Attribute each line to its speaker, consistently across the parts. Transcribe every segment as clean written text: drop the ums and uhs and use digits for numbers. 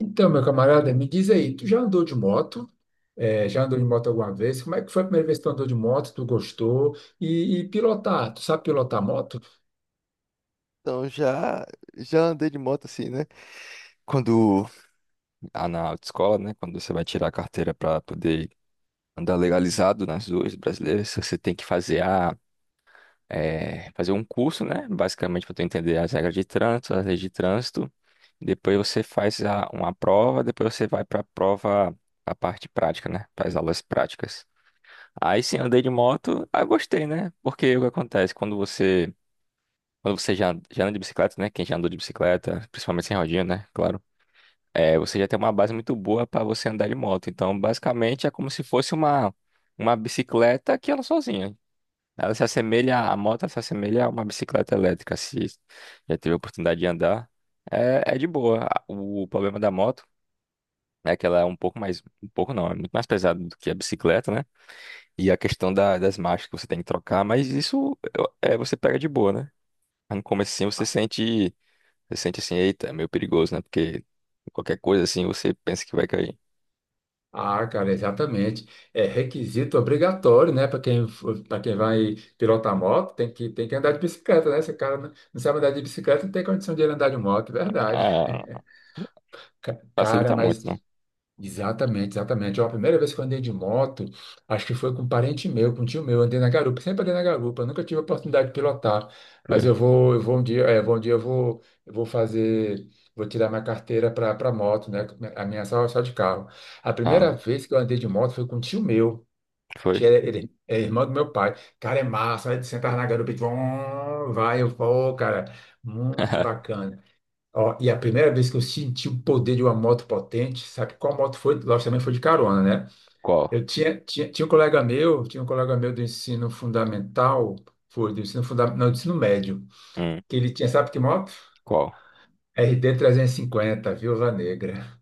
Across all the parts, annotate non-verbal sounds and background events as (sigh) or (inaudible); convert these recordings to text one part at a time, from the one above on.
Speaker 1: Então, meu camarada, me diz aí, tu já andou de moto? É, já andou de moto alguma vez? Como é que foi a primeira vez que tu andou de moto? Tu gostou? E pilotar, tu sabe pilotar moto?
Speaker 2: Então, já andei de moto assim, né? Quando, na autoescola, né? Quando você vai tirar a carteira para poder andar legalizado nas ruas brasileiras, você tem que fazer fazer um curso, né? Basicamente, para tu entender as regras de trânsito, as leis de trânsito. Depois você faz uma prova, depois você vai para a prova, a parte prática, né? Para as aulas práticas. Aí sim, andei de moto, gostei, né? Porque o que acontece? Quando você já anda de bicicleta, né? Quem já andou de bicicleta, principalmente sem rodinha, né? Claro. É, você já tem uma base muito boa para você andar de moto. Então, basicamente, é como se fosse uma bicicleta que anda sozinha. Ela se assemelha, A moto se assemelha a uma bicicleta elétrica, se já teve a oportunidade de andar. É de boa. O problema da moto é que ela é um pouco mais, um pouco não, é muito mais pesada do que a bicicleta, né? E a questão das marchas que você tem que trocar, mas isso você pega de boa, né? Mas no comecinho você
Speaker 1: Ah,
Speaker 2: sente, você sente assim, eita, é meio perigoso, né? Porque qualquer coisa assim você pensa que vai cair.
Speaker 1: Cara, exatamente. É requisito obrigatório, né? Para quem vai pilotar moto, tem que andar de bicicleta, né? Se o cara não sabe andar de bicicleta, não tem condição de ele andar de moto, é verdade.
Speaker 2: Ah,
Speaker 1: Cara,
Speaker 2: facilita
Speaker 1: mas
Speaker 2: muito, não?
Speaker 1: exatamente, exatamente. Ó, a primeira vez que eu andei de moto, acho que foi com um parente meu, com um tio meu, andei na garupa, sempre andei na garupa, nunca tive a oportunidade de pilotar, mas
Speaker 2: Foi.
Speaker 1: eu vou um dia, é, vou um dia eu vou fazer, vou tirar minha carteira para moto, né? A minha é só de carro. A
Speaker 2: Ah,
Speaker 1: primeira vez que eu andei de moto foi com um tio meu,
Speaker 2: foi?
Speaker 1: ele é irmão do meu pai. Cara, é massa, aí tu sentava na garupa e tu, "Vum", vai, eu vou, cara, muito
Speaker 2: (laughs)
Speaker 1: bacana. Ó, e a primeira vez que eu senti o poder de uma moto potente, sabe qual moto foi? Lógico, também foi de carona, né?
Speaker 2: Qual?
Speaker 1: Eu tinha um colega meu, tinha um colega meu do ensino fundamental, foi do ensino fundamental, não, do ensino médio,
Speaker 2: Hum,
Speaker 1: que ele tinha, sabe que moto?
Speaker 2: qual?
Speaker 1: RD350, Viúva Negra.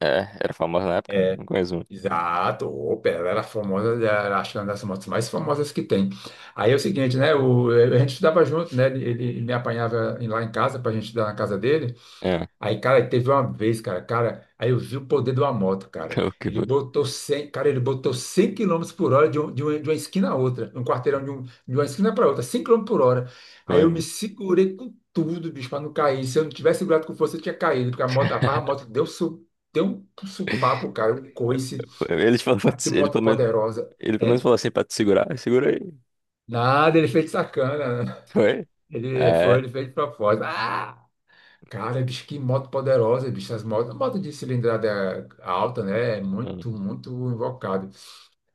Speaker 2: É, era famosa na época? Não conheço muito.
Speaker 1: Exato, opa, ela era famosa, era, acho que uma das motos mais famosas que tem. Aí é o seguinte, né? A gente estudava junto, né? Ele me apanhava lá em casa para a gente estudar na casa dele.
Speaker 2: É,
Speaker 1: Aí, cara, teve uma vez, cara, aí eu vi o poder de uma moto,
Speaker 2: (laughs)
Speaker 1: cara.
Speaker 2: o que
Speaker 1: Ele
Speaker 2: foi?
Speaker 1: botou 100, cara, ele botou 100 quilômetros por hora de uma esquina a outra, um quarteirão de uma esquina para outra, 100 km/h. Aí eu me
Speaker 2: Foi-
Speaker 1: segurei com tudo, bicho, para não cair. Se eu não tivesse segurado com força, eu tinha caído, porque a moto, a barra, a moto deu um supapo, cara, um coice.
Speaker 2: foi- Ele falou pra
Speaker 1: Cara, que
Speaker 2: te, ele
Speaker 1: moto
Speaker 2: pelo menos,
Speaker 1: poderosa,
Speaker 2: ele pelo menos
Speaker 1: hein?
Speaker 2: falou assim pra te segurar. Segura aí.
Speaker 1: Nada, ele fez de sacana, né?
Speaker 2: Foi? É.
Speaker 1: Ele fez de propósito. Ah! Cara, bicho, que moto poderosa, bicho. Moto de cilindrada alta, né? É muito,
Speaker 2: Hum,
Speaker 1: muito invocado.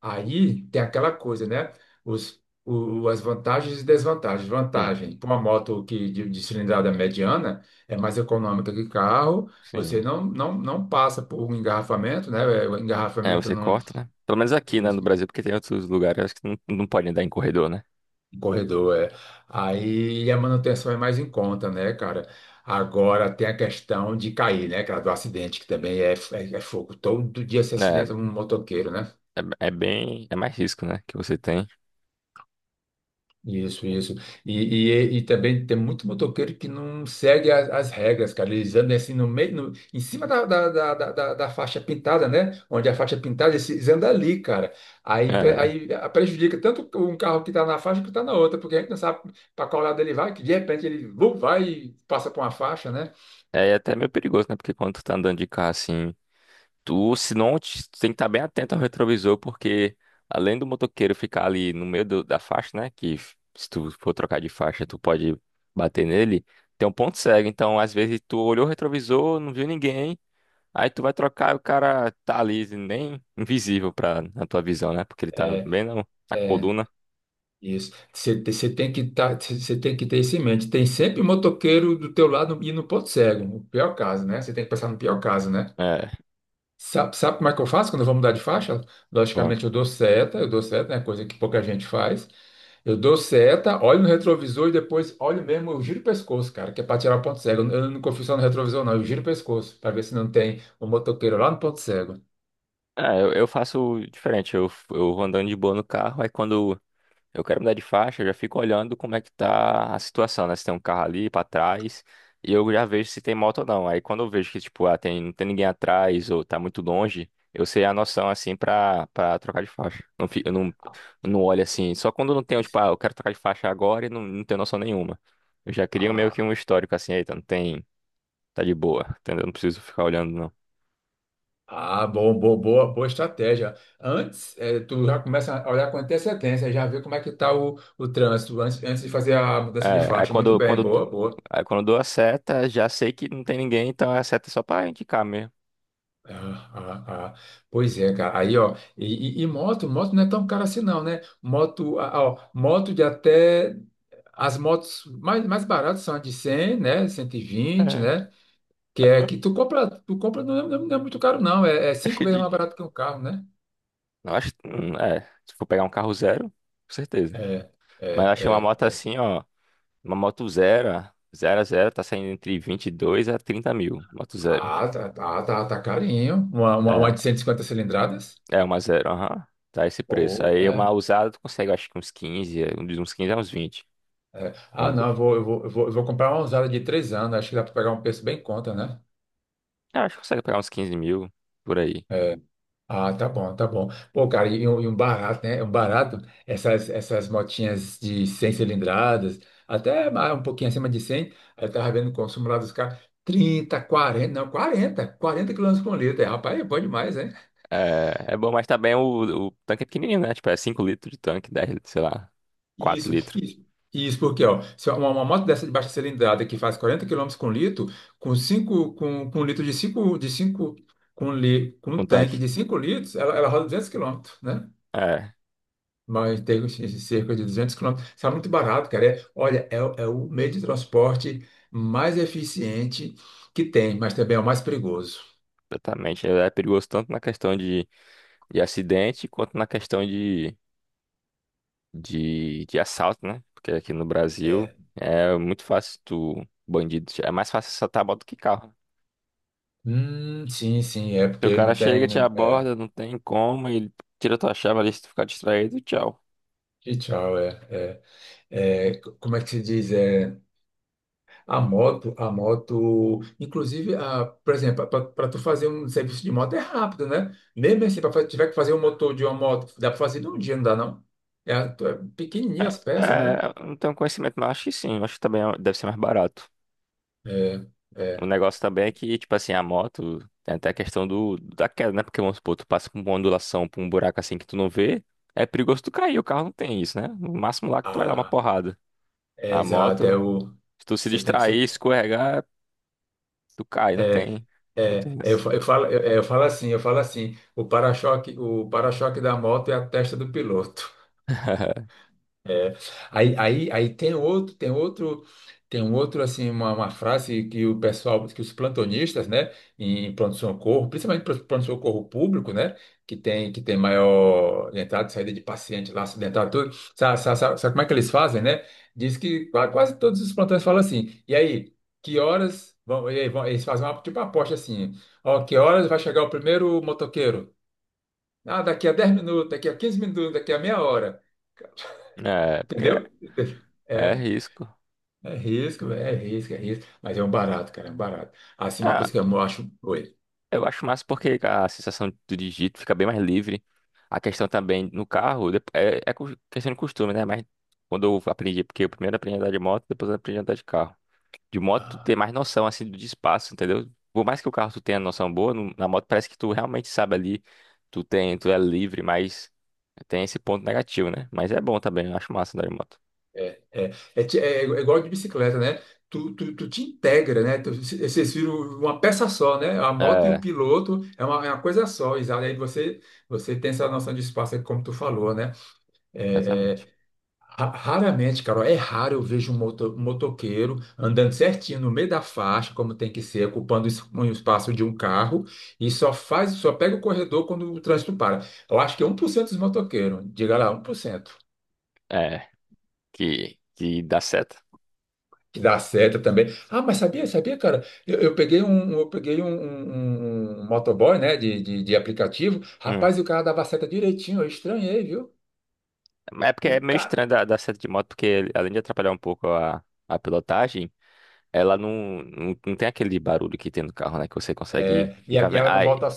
Speaker 1: Aí tem aquela coisa, né? As vantagens e desvantagens.
Speaker 2: hum,
Speaker 1: Vantagem, para uma moto de cilindrada mediana, é mais econômica que carro. Você
Speaker 2: sim.
Speaker 1: não passa por um engarrafamento, né? O
Speaker 2: É,
Speaker 1: engarrafamento
Speaker 2: você
Speaker 1: não.
Speaker 2: corta, né? Pelo menos aqui, né, no Brasil, porque tem outros lugares acho que não podem dar em corredor, né?
Speaker 1: Corredor, é. Aí a manutenção é mais em conta, né, cara? Agora tem a questão de cair, né, cara, do acidente, que também é fogo. Todo dia se
Speaker 2: É,
Speaker 1: acidenta um motoqueiro, né?
Speaker 2: é mais risco, né, que você tem.
Speaker 1: Isso, isso. E, e também tem muito motoqueiro que não segue as regras, cara. Eles andam assim no meio, em cima da faixa pintada, né? Onde a faixa é pintada, eles andam ali, cara. Aí, pre-
Speaker 2: É,
Speaker 1: aí prejudica tanto um carro que tá na faixa que tá na outra, porque a gente não sabe para qual lado ele vai, que de repente ele vum, vai e passa por uma faixa, né?
Speaker 2: é até meio perigoso, né, porque quando tu tá andando de carro assim. Tu, se não, te- tu tem que estar bem atento ao retrovisor, porque além do motoqueiro ficar ali no meio da faixa, né? Que se tu for trocar de faixa, tu pode bater nele, tem um ponto cego. Então, às vezes, tu olhou o retrovisor, não viu ninguém, aí tu vai trocar e o cara tá ali, nem invisível na tua visão, né? Porque ele tá
Speaker 1: É,
Speaker 2: bem na, na
Speaker 1: é,
Speaker 2: coluna.
Speaker 1: isso. Você tem que tá, você tem que ter isso em mente. Tem sempre motoqueiro do teu lado e no ponto cego, o pior caso, né? Você tem que pensar no pior caso, né?
Speaker 2: É,
Speaker 1: Sabe como é que eu faço quando eu vou mudar de faixa?
Speaker 2: bom.
Speaker 1: Logicamente, eu dou seta, né? Coisa que pouca gente faz. Eu dou seta, olho no retrovisor e depois olho mesmo, eu giro o pescoço, cara, que é para tirar o ponto cego. Eu não confio só no retrovisor, não, eu giro o pescoço para ver se não tem um motoqueiro lá no ponto cego.
Speaker 2: É, eu faço diferente, eu vou andando de boa no carro, aí quando eu quero mudar de faixa, eu já fico olhando como é que tá a situação, né? Se tem um carro ali pra trás, e eu já vejo se tem moto ou não. Aí quando eu vejo que, tipo, ah, não tem ninguém atrás ou tá muito longe, eu sei a noção, assim, pra trocar de faixa. Não, eu não olho assim, só quando não tenho, tipo, ah, eu quero trocar de faixa agora e não tenho noção nenhuma. Eu já queria meio
Speaker 1: Ah,
Speaker 2: que um histórico, assim, eita, não tem, tá de boa, entendeu? Não preciso ficar olhando, não.
Speaker 1: Bom, boa estratégia. Antes, tu já começa a olhar com antecedência, já vê como é que está o trânsito, antes de fazer a mudança de
Speaker 2: É,
Speaker 1: faixa. Muito bem, boa, boa.
Speaker 2: aí quando eu dou a seta, já sei que não tem ninguém, então a seta é só pra indicar mesmo.
Speaker 1: Ah, ah, ah. Pois é, cara. Aí, ó, e moto não é tão cara assim, não, né? Moto, ah, ó, moto de até. As motos mais baratas são a de 100, né? 120,
Speaker 2: É.
Speaker 1: né? Que é que tu compra, não é muito caro, não. É,
Speaker 2: (laughs) Acho
Speaker 1: cinco
Speaker 2: que
Speaker 1: vezes
Speaker 2: de-
Speaker 1: mais barato que um carro, né?
Speaker 2: eu acho, se for pegar um carro zero, com certeza.
Speaker 1: É,
Speaker 2: Mas eu achei uma
Speaker 1: é,
Speaker 2: moto
Speaker 1: é.
Speaker 2: assim, ó, uma moto zero, zero a zero, tá saindo entre 22 a 30 mil, moto zero.
Speaker 1: Ah, tá, tá, tá, tá carinho. Uma, uma,
Speaker 2: É,
Speaker 1: uma de 150 cilindradas.
Speaker 2: é uma zero, aham, tá esse preço.
Speaker 1: Oh,
Speaker 2: Aí uma
Speaker 1: é,
Speaker 2: usada tu consegue, acho que uns 15 de uns 15 a uns 20.
Speaker 1: é.
Speaker 2: Uma,
Speaker 1: Ah,
Speaker 2: bo-
Speaker 1: não, eu vou comprar uma usada de 3 anos. Acho que dá para pegar um preço bem em conta, né?
Speaker 2: eu acho que consegue pegar uns 15 mil, por aí.
Speaker 1: É. Ah, tá bom, tá bom. Pô, cara, e um barato, né? Um barato, essas motinhas de 100 cilindradas, até um pouquinho acima de 100, eu tava vendo o consumo lá dos caras, 30, 40, não, quarenta quilômetros por litro. É, rapaz, é bom demais, né?
Speaker 2: É, é bom, mas também o tanque é pequenininho, né? Tipo, é 5 litros de tanque, 10 sei lá, 4
Speaker 1: Isso,
Speaker 2: litros
Speaker 1: isso. Isso porque, ó, se uma moto dessa de baixa cilindrada que faz 40 quilômetros com litro, com cinco com um litro de cinco com, li, com
Speaker 2: um
Speaker 1: um tanque
Speaker 2: tanque.
Speaker 1: de 5 litros, ela roda 200 quilômetros, né?
Speaker 2: É.
Speaker 1: Mas tem uns cerca de 200 quilômetros. Está muito barato, cara. É, olha, é, o é o meio de transporte mais eficiente que tem, mas também é o mais perigoso.
Speaker 2: Exatamente. É perigoso tanto na questão de acidente quanto na questão de assalto, né? Porque aqui no Brasil é muito fácil tu, bandido, é mais fácil assaltar moto que carro.
Speaker 1: Sim, sim, é
Speaker 2: Porque o
Speaker 1: porque
Speaker 2: cara
Speaker 1: não
Speaker 2: chega,
Speaker 1: tem,
Speaker 2: te
Speaker 1: né? É,
Speaker 2: aborda, não tem como, ele tira tua chave ali se tu ficar distraído, tchau.
Speaker 1: e tchau, é, como é que se diz? É, a moto, inclusive, a, por exemplo, para tu fazer um serviço de moto é rápido, né? Mesmo assim, para tiver que fazer um motor de uma moto, dá para fazer num dia, não dá, não? É, é
Speaker 2: É,
Speaker 1: pequenininha as peças, né?
Speaker 2: é, eu não tenho conhecimento, mas acho que sim. Acho que também deve ser mais barato.
Speaker 1: É,
Speaker 2: O
Speaker 1: é.
Speaker 2: negócio também é que, tipo assim, a moto tem até a questão da queda, né? Porque, vamos supor, tu passa com uma ondulação pra um buraco assim que tu não vê, é perigoso tu cair, o carro não tem isso, né? No máximo lá que tu vai dar uma porrada.
Speaker 1: É,
Speaker 2: A
Speaker 1: exato, é
Speaker 2: moto,
Speaker 1: o.
Speaker 2: se tu se
Speaker 1: Você tem que
Speaker 2: distrair,
Speaker 1: ser.
Speaker 2: escorregar, tu cai, não
Speaker 1: É,
Speaker 2: tem. Não
Speaker 1: é,
Speaker 2: tem
Speaker 1: é, eu,
Speaker 2: isso.
Speaker 1: fa- eu falo, eu, é, eu falo assim, o para-choque, da moto é a testa do piloto.
Speaker 2: (laughs)
Speaker 1: É. Aí tem um outro assim, uma frase que o pessoal, que os plantonistas, né, em pronto-socorro, principalmente pronto-socorro público, né, que tem maior entrada e saída de paciente lá acidentado, tudo. Sabe como é que eles fazem, né? Diz que quase todos os plantões falam assim. E aí, que horas vão, e aí, vão, eles fazem uma tipo uma aposta assim. Ó, que horas vai chegar o primeiro motoqueiro? Ah, daqui a 10 minutos, daqui a 15 minutos, daqui a meia hora,
Speaker 2: É, porque é,
Speaker 1: entendeu? (laughs)
Speaker 2: é
Speaker 1: É.
Speaker 2: risco.
Speaker 1: É risco, é risco, é risco. Mas é um barato, cara, é um barato. Assim, uma coisa
Speaker 2: Ah,
Speaker 1: que eu acho. Oi.
Speaker 2: eu acho massa porque a sensação do digito fica bem mais livre. A questão também no carro é, questão de costume, né? Mas quando eu aprendi, porque eu primeiro aprendi a andar de moto, depois eu aprendi a andar de carro. De moto tu ter
Speaker 1: Ah,
Speaker 2: mais noção assim de espaço, entendeu? Por mais que o carro tu tenha noção boa, na moto parece que tu realmente sabe ali, tu tem, tu é livre, mas tem esse ponto negativo, né? Mas é bom também, eu acho massa andar de moto.
Speaker 1: é igual de bicicleta, né? Tu te integra, né? Vocês viram uma peça só, né? A moto e o
Speaker 2: É,
Speaker 1: piloto é uma coisa só, exato. Aí você tem essa noção de espaço, é como tu falou, né? É,
Speaker 2: exatamente.
Speaker 1: é, Raramente, Carol, é raro eu vejo um um motoqueiro andando certinho no meio da faixa, como tem que ser, ocupando um espaço de um carro, e só pega o corredor quando o trânsito para. Eu acho que é 1% dos motoqueiros, diga lá, 1%
Speaker 2: É, que dá seta.
Speaker 1: que dá seta também. Ah, mas sabia, cara? Eu peguei um, um, eu peguei um, um motoboy, né, de aplicativo.
Speaker 2: Hum.
Speaker 1: Rapaz, o cara dava seta direitinho, eu estranhei, viu?
Speaker 2: É porque
Speaker 1: O
Speaker 2: é meio
Speaker 1: cara.
Speaker 2: estranho dar seta de moto, porque além de atrapalhar um pouco a pilotagem, ela não tem aquele barulho que tem no carro, né? Que você consegue
Speaker 1: É,
Speaker 2: ficar
Speaker 1: e
Speaker 2: vendo.
Speaker 1: ela não
Speaker 2: E
Speaker 1: volta,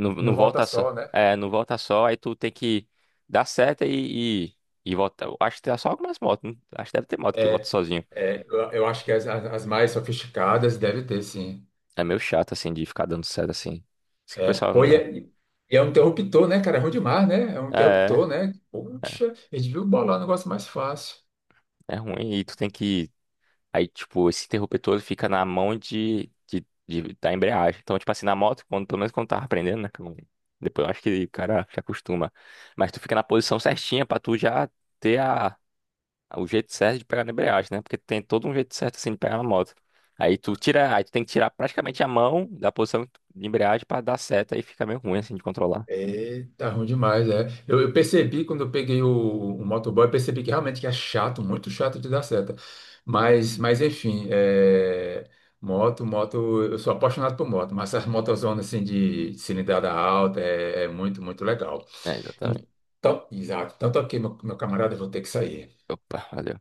Speaker 2: não,
Speaker 1: não
Speaker 2: não
Speaker 1: volta
Speaker 2: volta só.
Speaker 1: só, né?
Speaker 2: É, não volta só, aí tu tem que dar seta e, e volta. Eu acho que tem só algumas motos. Acho que deve ter moto que volta
Speaker 1: É,
Speaker 2: sozinho.
Speaker 1: É. Eu acho que as mais sofisticadas devem ter, sim.
Speaker 2: É meio chato, assim, de ficar dando seta assim. Isso que o
Speaker 1: É,
Speaker 2: pessoal não
Speaker 1: pô, e
Speaker 2: dá.
Speaker 1: é, e é um interruptor, né, cara? É ruim demais, né? É um
Speaker 2: É,
Speaker 1: interruptor, né?
Speaker 2: é,
Speaker 1: Poxa, a gente viu bolar um negócio mais fácil.
Speaker 2: é ruim. E tu tem que. Aí, tipo, esse interruptor todo fica na mão da embreagem. Então, tipo assim, na moto, pelo menos quando eu tava aprendendo, né? Que eu não- depois eu acho que o cara se acostuma. Mas tu fica na posição certinha pra tu já ter a. O jeito certo de pegar na embreagem, né? Porque tem todo um jeito certo assim de pegar na moto. Aí tu tem que tirar praticamente a mão da posição de embreagem pra dar seta aí fica meio ruim assim de controlar.
Speaker 1: Eita, ruim demais, é. Eu percebi quando eu peguei o motoboy, eu percebi que realmente que é chato, muito chato de dar seta. Mas enfim, é, moto, eu sou apaixonado por moto, mas essas motozonas assim de cilindrada alta é muito, muito legal.
Speaker 2: É, exatamente.
Speaker 1: Então, exato. Então, tá ok, meu camarada, eu vou ter que sair.
Speaker 2: Opa, valeu.